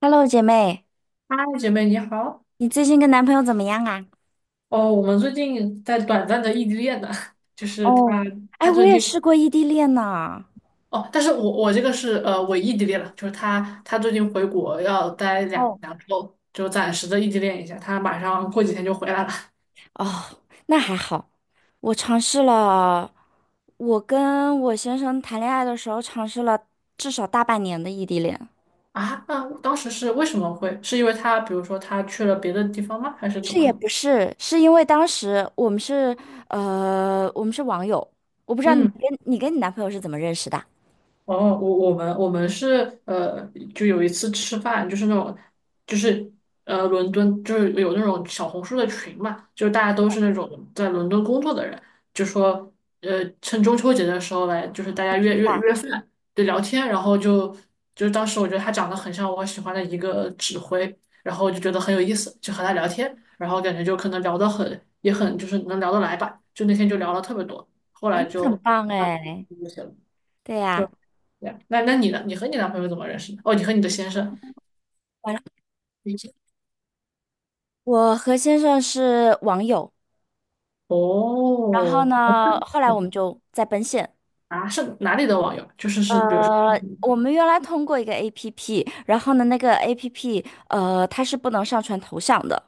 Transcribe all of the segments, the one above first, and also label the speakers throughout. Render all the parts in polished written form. Speaker 1: Hello，姐妹，
Speaker 2: 嗨，姐妹你好。
Speaker 1: 你最近跟男朋友怎么样啊？
Speaker 2: 哦，我们最近在短暂的异地恋呢，就是他，
Speaker 1: 哦。哎，
Speaker 2: 他
Speaker 1: 我
Speaker 2: 最
Speaker 1: 也
Speaker 2: 近
Speaker 1: 试过异地恋呢。
Speaker 2: 哦，但是我这个是伪异地恋了，就是他最近回国要待两
Speaker 1: 哦。
Speaker 2: 两周，就暂时的异地恋一下，他马上过几天就回来了。
Speaker 1: 哦，那还好。我尝试了，我跟我先生谈恋爱的时候尝试了至少大半年的异地恋。
Speaker 2: 啊，那当时是为什么会？是因为他比如说他去了别的地方吗？还是
Speaker 1: 其
Speaker 2: 怎
Speaker 1: 是
Speaker 2: 么
Speaker 1: 也
Speaker 2: 的？
Speaker 1: 不是，是因为当时我们是我们是网友。我不知道你
Speaker 2: 嗯。
Speaker 1: 跟你跟你男朋友是怎么认识的？
Speaker 2: 哦，我们是就有一次吃饭，就是那种，就是伦敦就是有那种小红书的群嘛，就大家都是那种在伦敦工作的人，就说趁中秋节的时候来，就是大家
Speaker 1: 吃
Speaker 2: 约约
Speaker 1: 饭。
Speaker 2: 约饭，对，聊天，然后就当时我觉得他长得很像我喜欢的一个指挥，然后就觉得很有意思，就和他聊天，然后感觉就可能聊得很也很就是能聊得来吧，就那天就聊了特别多，后
Speaker 1: 哎，
Speaker 2: 来
Speaker 1: 你很
Speaker 2: 就
Speaker 1: 棒
Speaker 2: 那
Speaker 1: 哎。
Speaker 2: 就了。
Speaker 1: 对呀。
Speaker 2: 就，对啊，那你呢？你和你男朋友怎么认识的？哦，你和你的先生。
Speaker 1: 完了，我和先生是网友。然后
Speaker 2: 哦，
Speaker 1: 呢，后来我们
Speaker 2: 嗯
Speaker 1: 就在奔现。
Speaker 2: 啊，是哪里的网友？就是比如说，
Speaker 1: 我们原来通过一个 APP，然后呢，那个 APP，它是不能上传头像的，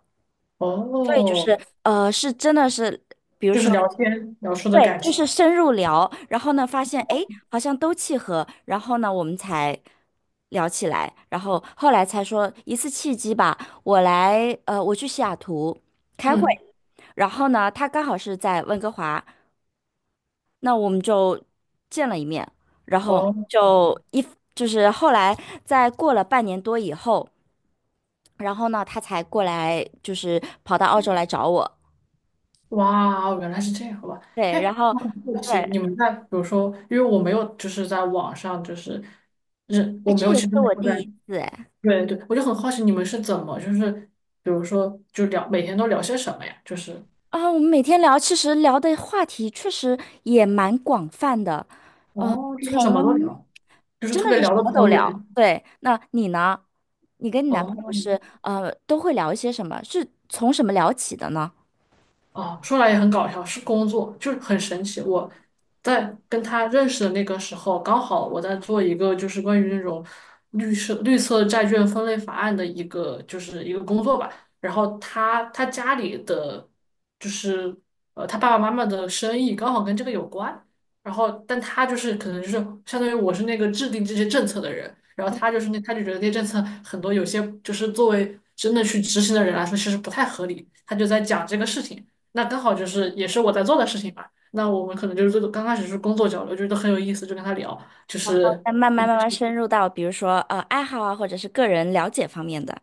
Speaker 1: 所以就
Speaker 2: 哦，
Speaker 1: 是是真的是，比如
Speaker 2: 就是
Speaker 1: 说，
Speaker 2: 聊天聊出的
Speaker 1: 对，
Speaker 2: 感
Speaker 1: 就
Speaker 2: 情。
Speaker 1: 是深入聊，然后呢，发现哎，诶好像都契合，然后呢，我们才聊起来，然后后来才说一次契机吧。我来，我去西雅图开会。
Speaker 2: 嗯，
Speaker 1: 然后呢，他刚好是在温哥华，那我们就见了一面，然后
Speaker 2: 哦，
Speaker 1: 就一就是后来在过了半年多以后，然后呢，他才过来，就是跑到澳洲来找我。
Speaker 2: 哇哦，原来是这样，好吧？
Speaker 1: 对，
Speaker 2: 哎，
Speaker 1: 然后
Speaker 2: 我很好奇，
Speaker 1: 对。
Speaker 2: 你们在比如说，因为我没有就是在网上就是认，我
Speaker 1: 哎，
Speaker 2: 没
Speaker 1: 这
Speaker 2: 有，
Speaker 1: 也
Speaker 2: 其
Speaker 1: 是
Speaker 2: 实没
Speaker 1: 我
Speaker 2: 有
Speaker 1: 第
Speaker 2: 在，
Speaker 1: 一次哎。
Speaker 2: 对对，我就很好奇你们是怎么就是，比如说就聊每天都聊些什么呀？就是
Speaker 1: 啊，我们每天聊，其实聊的话题确实也蛮广泛的。嗯、
Speaker 2: 哦，就是什
Speaker 1: 从
Speaker 2: 么都聊。就是
Speaker 1: 真
Speaker 2: 特
Speaker 1: 的
Speaker 2: 别
Speaker 1: 是什
Speaker 2: 聊得
Speaker 1: 么都
Speaker 2: 投
Speaker 1: 聊。
Speaker 2: 缘
Speaker 1: 对，那你呢？你跟你男朋
Speaker 2: 哦，
Speaker 1: 友是都会聊一些什么？是从什么聊起的呢？
Speaker 2: 哦，说来也很搞笑，是工作，就是很神奇。我在跟他认识的那个时候，刚好我在做一个就是关于那种绿色债券分类法案的一个就是一个工作吧。然后他家里的就是他爸爸妈妈的生意刚好跟这个有关。然后但他就是可能就是相当于我是那个制定这些政策的人，然后他就是那他就觉得那些政策很多有些就是作为真的去执行的人来说，其实不太合理。他就在讲这个事情。那刚好就是也是我在做的事情嘛。那我们可能就是最刚开始是工作交流，觉得很有意思，就跟他聊，就是
Speaker 1: 那慢慢慢慢深入到，比如说爱好啊，或者是个人了解方面的。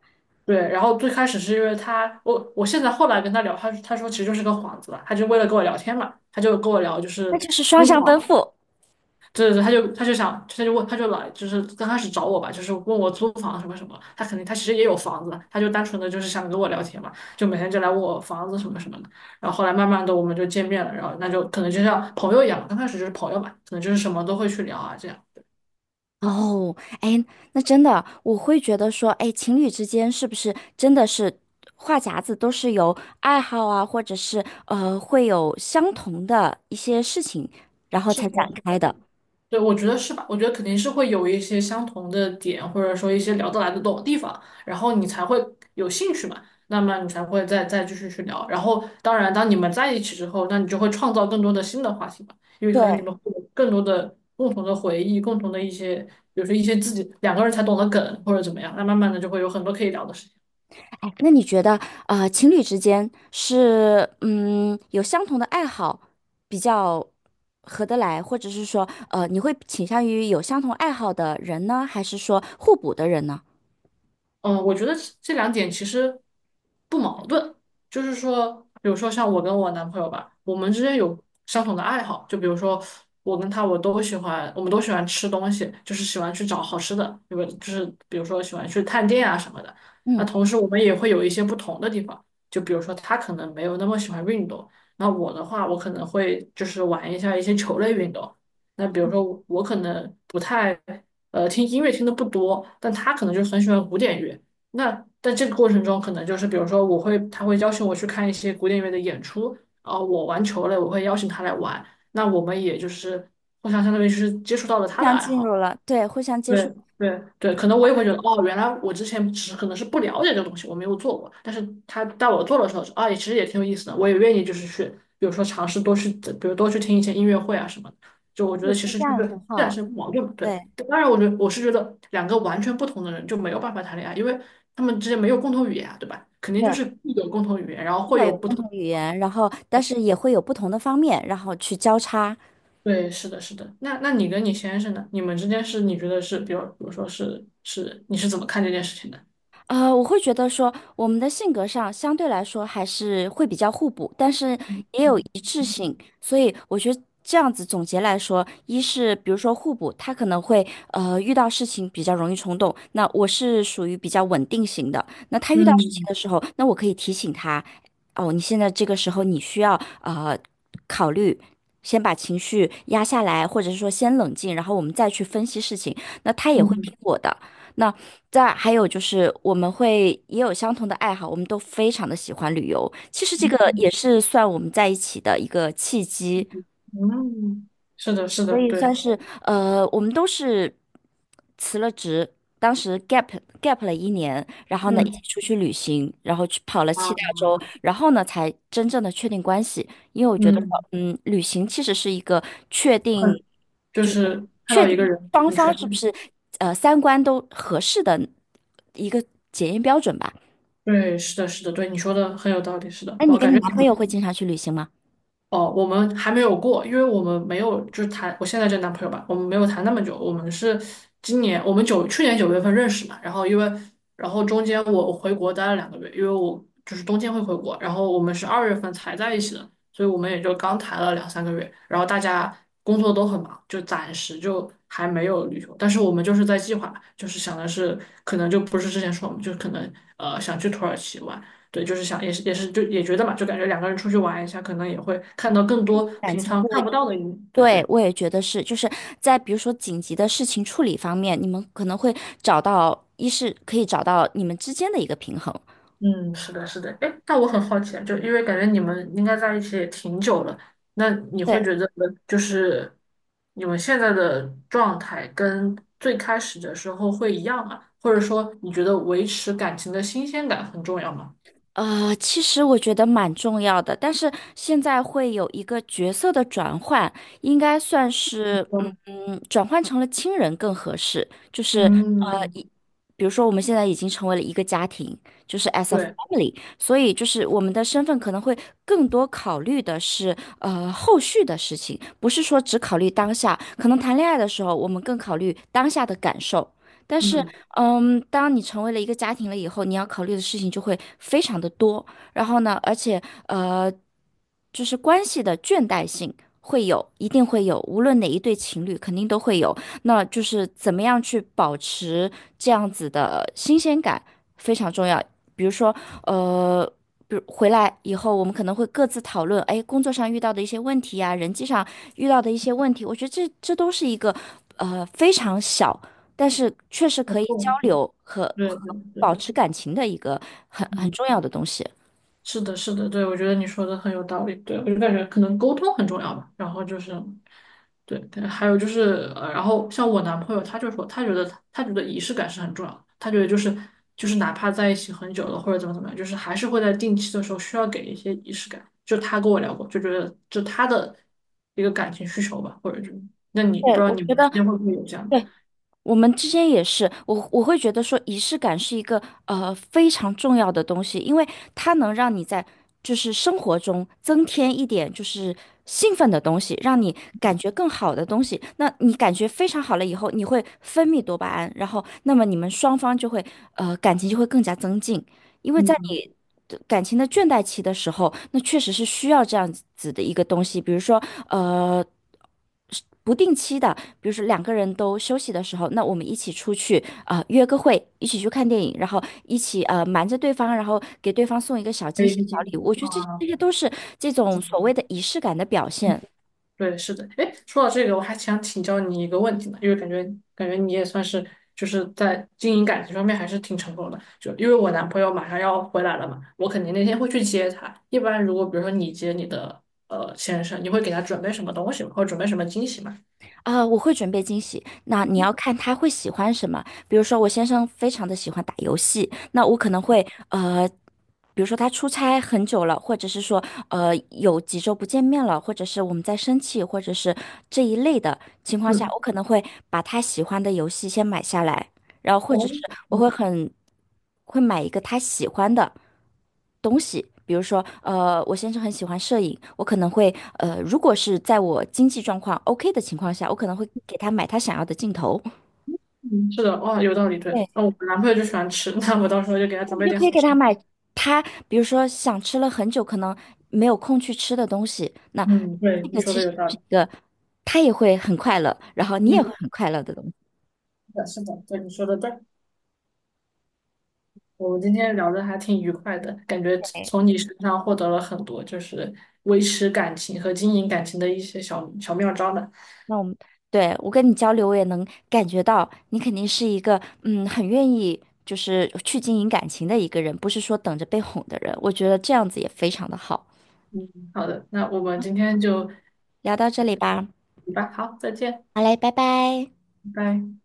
Speaker 2: 对。然后最开始是因为他，我现在后来跟他聊，他说其实就是个幌子吧，他就为了跟我聊天嘛，他就跟我聊就
Speaker 1: 那
Speaker 2: 是。
Speaker 1: 就是双向奔赴。
Speaker 2: 对对对，他就想，他就问，他就来，就是刚开始找我吧，就是问我租房什么什么。他肯定他其实也有房子，他就单纯的就是想跟我聊天嘛，就每天就来问我房子什么什么的。然后后来慢慢的我们就见面了，然后那就可能就像朋友一样，刚开始就是朋友嘛，可能就是什么都会去聊啊这样。
Speaker 1: 哦。哎，那真的，我会觉得说，哎，情侣之间是不是真的是话匣子都是由爱好啊，或者是会有相同的一些事情，然后
Speaker 2: 是
Speaker 1: 才
Speaker 2: 的，
Speaker 1: 展
Speaker 2: 是
Speaker 1: 开
Speaker 2: 的。
Speaker 1: 的。
Speaker 2: 对，我觉得是吧？我觉得肯定是会有一些相同的点，或者说一些聊得来的懂的地方，然后你才会有兴趣嘛，那么你才会再继续去聊。然后，当然，当你们在一起之后，那你就会创造更多的新的话题嘛，因为
Speaker 1: 对。
Speaker 2: 可能你们会有更多的共同的回忆，共同的一些，比如说一些自己两个人才懂得梗或者怎么样，那慢慢的就会有很多可以聊的事情。
Speaker 1: 哎，那你觉得，情侣之间是，嗯，有相同的爱好比较合得来，或者是说，你会倾向于有相同爱好的人呢，还是说互补的人呢？
Speaker 2: 嗯，我觉得这两点其实不矛盾，就是说，比如说像我跟我男朋友吧，我们之间有相同的爱好，就比如说我跟他，我都喜欢，我们都喜欢吃东西，就是喜欢去找好吃的，对吧？就是比如说喜欢去探店啊什么的。那
Speaker 1: 嗯。
Speaker 2: 同时我们也会有一些不同的地方，就比如说他可能没有那么喜欢运动，那我的话，我可能会就是玩一下一些球类运动。那比如说我可能不太听音乐听的不多，但他可能就很喜欢古典乐。那在这个过程中，可能就是比如说，我会他会邀请我去看一些古典乐的演出，啊，我玩球类，我会邀请他来玩。那我们也就是互相相当于是接触到了
Speaker 1: 互
Speaker 2: 他的
Speaker 1: 相
Speaker 2: 爱
Speaker 1: 进入
Speaker 2: 好。
Speaker 1: 了，对，互相接触。
Speaker 2: 对对对，可能我也会觉得，哦，原来我之前只是可能是不了解这个东西，我没有做过。但是他带我做的时候，啊，也其实也挺有意思的，我也愿意就是去，比如说尝试多去，比如多去听一些音乐会啊什么的。就我觉
Speaker 1: 我
Speaker 2: 得
Speaker 1: 觉
Speaker 2: 其
Speaker 1: 得
Speaker 2: 实
Speaker 1: 这
Speaker 2: 就是
Speaker 1: 样很
Speaker 2: 这两
Speaker 1: 好。
Speaker 2: 是不矛盾嘛对，
Speaker 1: 对
Speaker 2: 当然我觉得我是觉得两个完全不同的人就没有办法谈恋爱，因为他们之间没有共同语言啊，对吧？肯定就
Speaker 1: 对，
Speaker 2: 是必有共同语言，然后
Speaker 1: 至
Speaker 2: 会
Speaker 1: 少
Speaker 2: 有
Speaker 1: 有
Speaker 2: 不
Speaker 1: 共
Speaker 2: 同。
Speaker 1: 同语言，然后但是也会有不同的方面，然后去交叉。
Speaker 2: 对，是的，是的。那你跟你先生呢？你们之间是你觉得是，比如说是，你是怎么看这件事情的？
Speaker 1: 我会觉得说，我们的性格上相对来说还是会比较互补，但是也有一致性，所以我觉得这样子总结来说，一是比如说互补，他可能会遇到事情比较容易冲动，那我是属于比较稳定型的，那他遇到事情
Speaker 2: 嗯
Speaker 1: 的时候，那我可以提醒他，哦，你现在这个时候你需要考虑。先把情绪压下来，或者是说先冷静，然后我们再去分析事情，那他也会听
Speaker 2: 嗯
Speaker 1: 我的。那再还有就是，我们会也有相同的爱好，我们都非常的喜欢旅游。其实这个也是算我们在一起的一个契机。
Speaker 2: 嗯，是的，是
Speaker 1: 所
Speaker 2: 的，
Speaker 1: 以算
Speaker 2: 对，
Speaker 1: 是我们都是辞了职，当时 gap 了一年，然后呢一起
Speaker 2: 嗯
Speaker 1: 出去旅行，然后去跑了七
Speaker 2: 啊，
Speaker 1: 大洲，然后呢才真正的确定关系。因为我觉得，
Speaker 2: 嗯，
Speaker 1: 嗯，旅行其实是一个确定，
Speaker 2: 很就
Speaker 1: 就是
Speaker 2: 是看
Speaker 1: 确
Speaker 2: 到一个
Speaker 1: 定
Speaker 2: 人
Speaker 1: 双
Speaker 2: 很
Speaker 1: 方
Speaker 2: 全
Speaker 1: 是不
Speaker 2: 面，
Speaker 1: 是三观都合适的一个检验标准吧。
Speaker 2: 对，是的，是的，对，你说的很有道理，是的，
Speaker 1: 那你
Speaker 2: 我
Speaker 1: 跟
Speaker 2: 感
Speaker 1: 你
Speaker 2: 觉。
Speaker 1: 男朋友会经常去旅行吗？
Speaker 2: 哦，我们还没有过，因为我们没有就是谈我现在这男朋友吧，我们没有谈那么久，我们是今年我们九去年九月份认识嘛，然后因为中间我回国待了两个月，因为我就是冬天会回国，然后我们是二月份才在一起的，所以我们也就刚谈了两三个月，然后大家工作都很忙，就暂时就还没有旅游，但是我们就是在计划，就是想的是可能就不是之前说我们就可能想去土耳其玩。对，就是想也是就也觉得嘛，就感觉两个人出去玩一下，可能也会看到更多
Speaker 1: 感
Speaker 2: 平
Speaker 1: 情
Speaker 2: 常
Speaker 1: 会？
Speaker 2: 看不到的一面对，
Speaker 1: 对，我也觉得是，就是在比如说紧急的事情处理方面，你们可能会找到，一是可以找到你们之间的一个平衡。
Speaker 2: 嗯，是的，是的。哎，那我很好奇啊，就因为感觉你们应该在一起也挺久了，那你会
Speaker 1: 对，
Speaker 2: 觉得就是你们现在的状态跟最开始的时候会一样吗？或者说你觉得维持感情的新鲜感很重要吗？
Speaker 1: 其实我觉得蛮重要的，但是现在会有一个角色的转换，应该算是嗯。
Speaker 2: 嗯，
Speaker 1: 嗯，转换成了亲人更合适。就是呃，
Speaker 2: 嗯
Speaker 1: 一比如说我们现在已经成为了一个家庭，就是 as a
Speaker 2: 对，
Speaker 1: family,所以就是我们的身份可能会更多考虑的是后续的事情，不是说只考虑当下。可能谈恋爱的时候，我们更考虑当下的感受，但是。
Speaker 2: 嗯，
Speaker 1: 嗯，当你成为了一个家庭了以后，你要考虑的事情就会非常的多。然后呢，而且呃，就是关系的倦怠性会有，一定会有，无论哪一对情侣肯定都会有。那就是怎么样去保持这样子的新鲜感非常重要。比如说，呃。比如回来以后，我们可能会各自讨论，哎，工作上遇到的一些问题呀、人际上遇到的一些问题，我觉得这都是一个，非常小。但是确实
Speaker 2: 很
Speaker 1: 可以
Speaker 2: 重
Speaker 1: 交
Speaker 2: 要
Speaker 1: 流和
Speaker 2: 对对
Speaker 1: 保
Speaker 2: 对，
Speaker 1: 持感情的一个很
Speaker 2: 嗯。
Speaker 1: 重要的东西。
Speaker 2: 是的，是的，对，我觉得你说的很有道理。对，我就感觉可能沟通很重要吧。然后就是，对，对还有就是，然后像我男朋友，他就说，他觉得仪式感是很重要的。他觉得就是哪怕在一起很久了或者怎么怎么样，就是还是会在定期的时候需要给一些仪式感。就他跟我聊过，就觉得就他的一个感情需求吧，或者就那你不
Speaker 1: 对，
Speaker 2: 知道
Speaker 1: 我
Speaker 2: 你
Speaker 1: 觉
Speaker 2: 们
Speaker 1: 得，
Speaker 2: 之间会不会有这样的？
Speaker 1: 对，我们之间也是，我会觉得说仪式感是一个非常重要的东西，因为它能让你在就是生活中增添一点就是兴奋的东西，让你感觉更好的东西。那你感觉非常好了以后，你会分泌多巴胺，然后那么你们双方就会感情就会更加增进。因为在
Speaker 2: 嗯，
Speaker 1: 你的感情的倦怠期的时候，那确实是需要这样子的一个东西，比如说，呃，不定期的，比如说两个人都休息的时候，那我们一起出去啊、约个会，一起去看电影，然后一起瞒着对方，然后给对方送一个小
Speaker 2: 可
Speaker 1: 惊
Speaker 2: 以
Speaker 1: 喜、
Speaker 2: 去
Speaker 1: 小
Speaker 2: 听一
Speaker 1: 礼物，
Speaker 2: 听
Speaker 1: 我觉得这这
Speaker 2: 啊。
Speaker 1: 些都是这种所谓的仪式感的表现。
Speaker 2: 对，是的。哎，说到这个，我还想请教你一个问题呢，因为感觉你也算是就是在经营感情方面还是挺成功的。就因为我男朋友马上要回来了嘛，我肯定那天会去接他。一般如果比如说你接你的先生，你会给他准备什么东西吗？或者准备什么惊喜吗？
Speaker 1: 啊、我会准备惊喜。那你要看他会喜欢什么。比如说，我先生非常的喜欢打游戏，那我可能会比如说他出差很久了，或者是说有几周不见面了，或者是我们在生气，或者是这一类的情况下，
Speaker 2: 嗯，
Speaker 1: 我可能会把他喜欢的游戏先买下来。然后或者
Speaker 2: 哦，
Speaker 1: 是我
Speaker 2: 嗯，
Speaker 1: 会很会买一个他喜欢的东西，比如说，我先生很喜欢摄影，我可能会，如果是在我经济状况 OK 的情况下，我可能会给他买他想要的镜头。
Speaker 2: 嗯是的，哇，有道理。对，
Speaker 1: 对，
Speaker 2: 那我男朋友就喜欢吃，那我到时候就给他
Speaker 1: 那
Speaker 2: 准
Speaker 1: 你
Speaker 2: 备
Speaker 1: 就
Speaker 2: 点
Speaker 1: 可
Speaker 2: 好
Speaker 1: 以给
Speaker 2: 吃
Speaker 1: 他
Speaker 2: 的。
Speaker 1: 买他，比如说想吃了很久，可能没有空去吃的东西，那
Speaker 2: 嗯，对，
Speaker 1: 这
Speaker 2: 你
Speaker 1: 个
Speaker 2: 说
Speaker 1: 其
Speaker 2: 的
Speaker 1: 实
Speaker 2: 有道
Speaker 1: 是
Speaker 2: 理。
Speaker 1: 一个他也会很快乐，然后你
Speaker 2: 嗯，
Speaker 1: 也会很快乐的东西。
Speaker 2: 是的，是的，对，你说的对。我们今天聊的还挺愉快的，感觉从你身上获得了很多，就是维持感情和经营感情的一些小小妙招呢。
Speaker 1: 那我们对我跟你交流，我也能感觉到你肯定是一个嗯很愿意就是去经营感情的一个人，不是说等着被哄的人。我觉得这样子也非常的好。
Speaker 2: 嗯，好的，那我们今天就
Speaker 1: 聊到这里吧，
Speaker 2: 吧，好，再见，
Speaker 1: 好嘞，拜拜。
Speaker 2: 拜拜。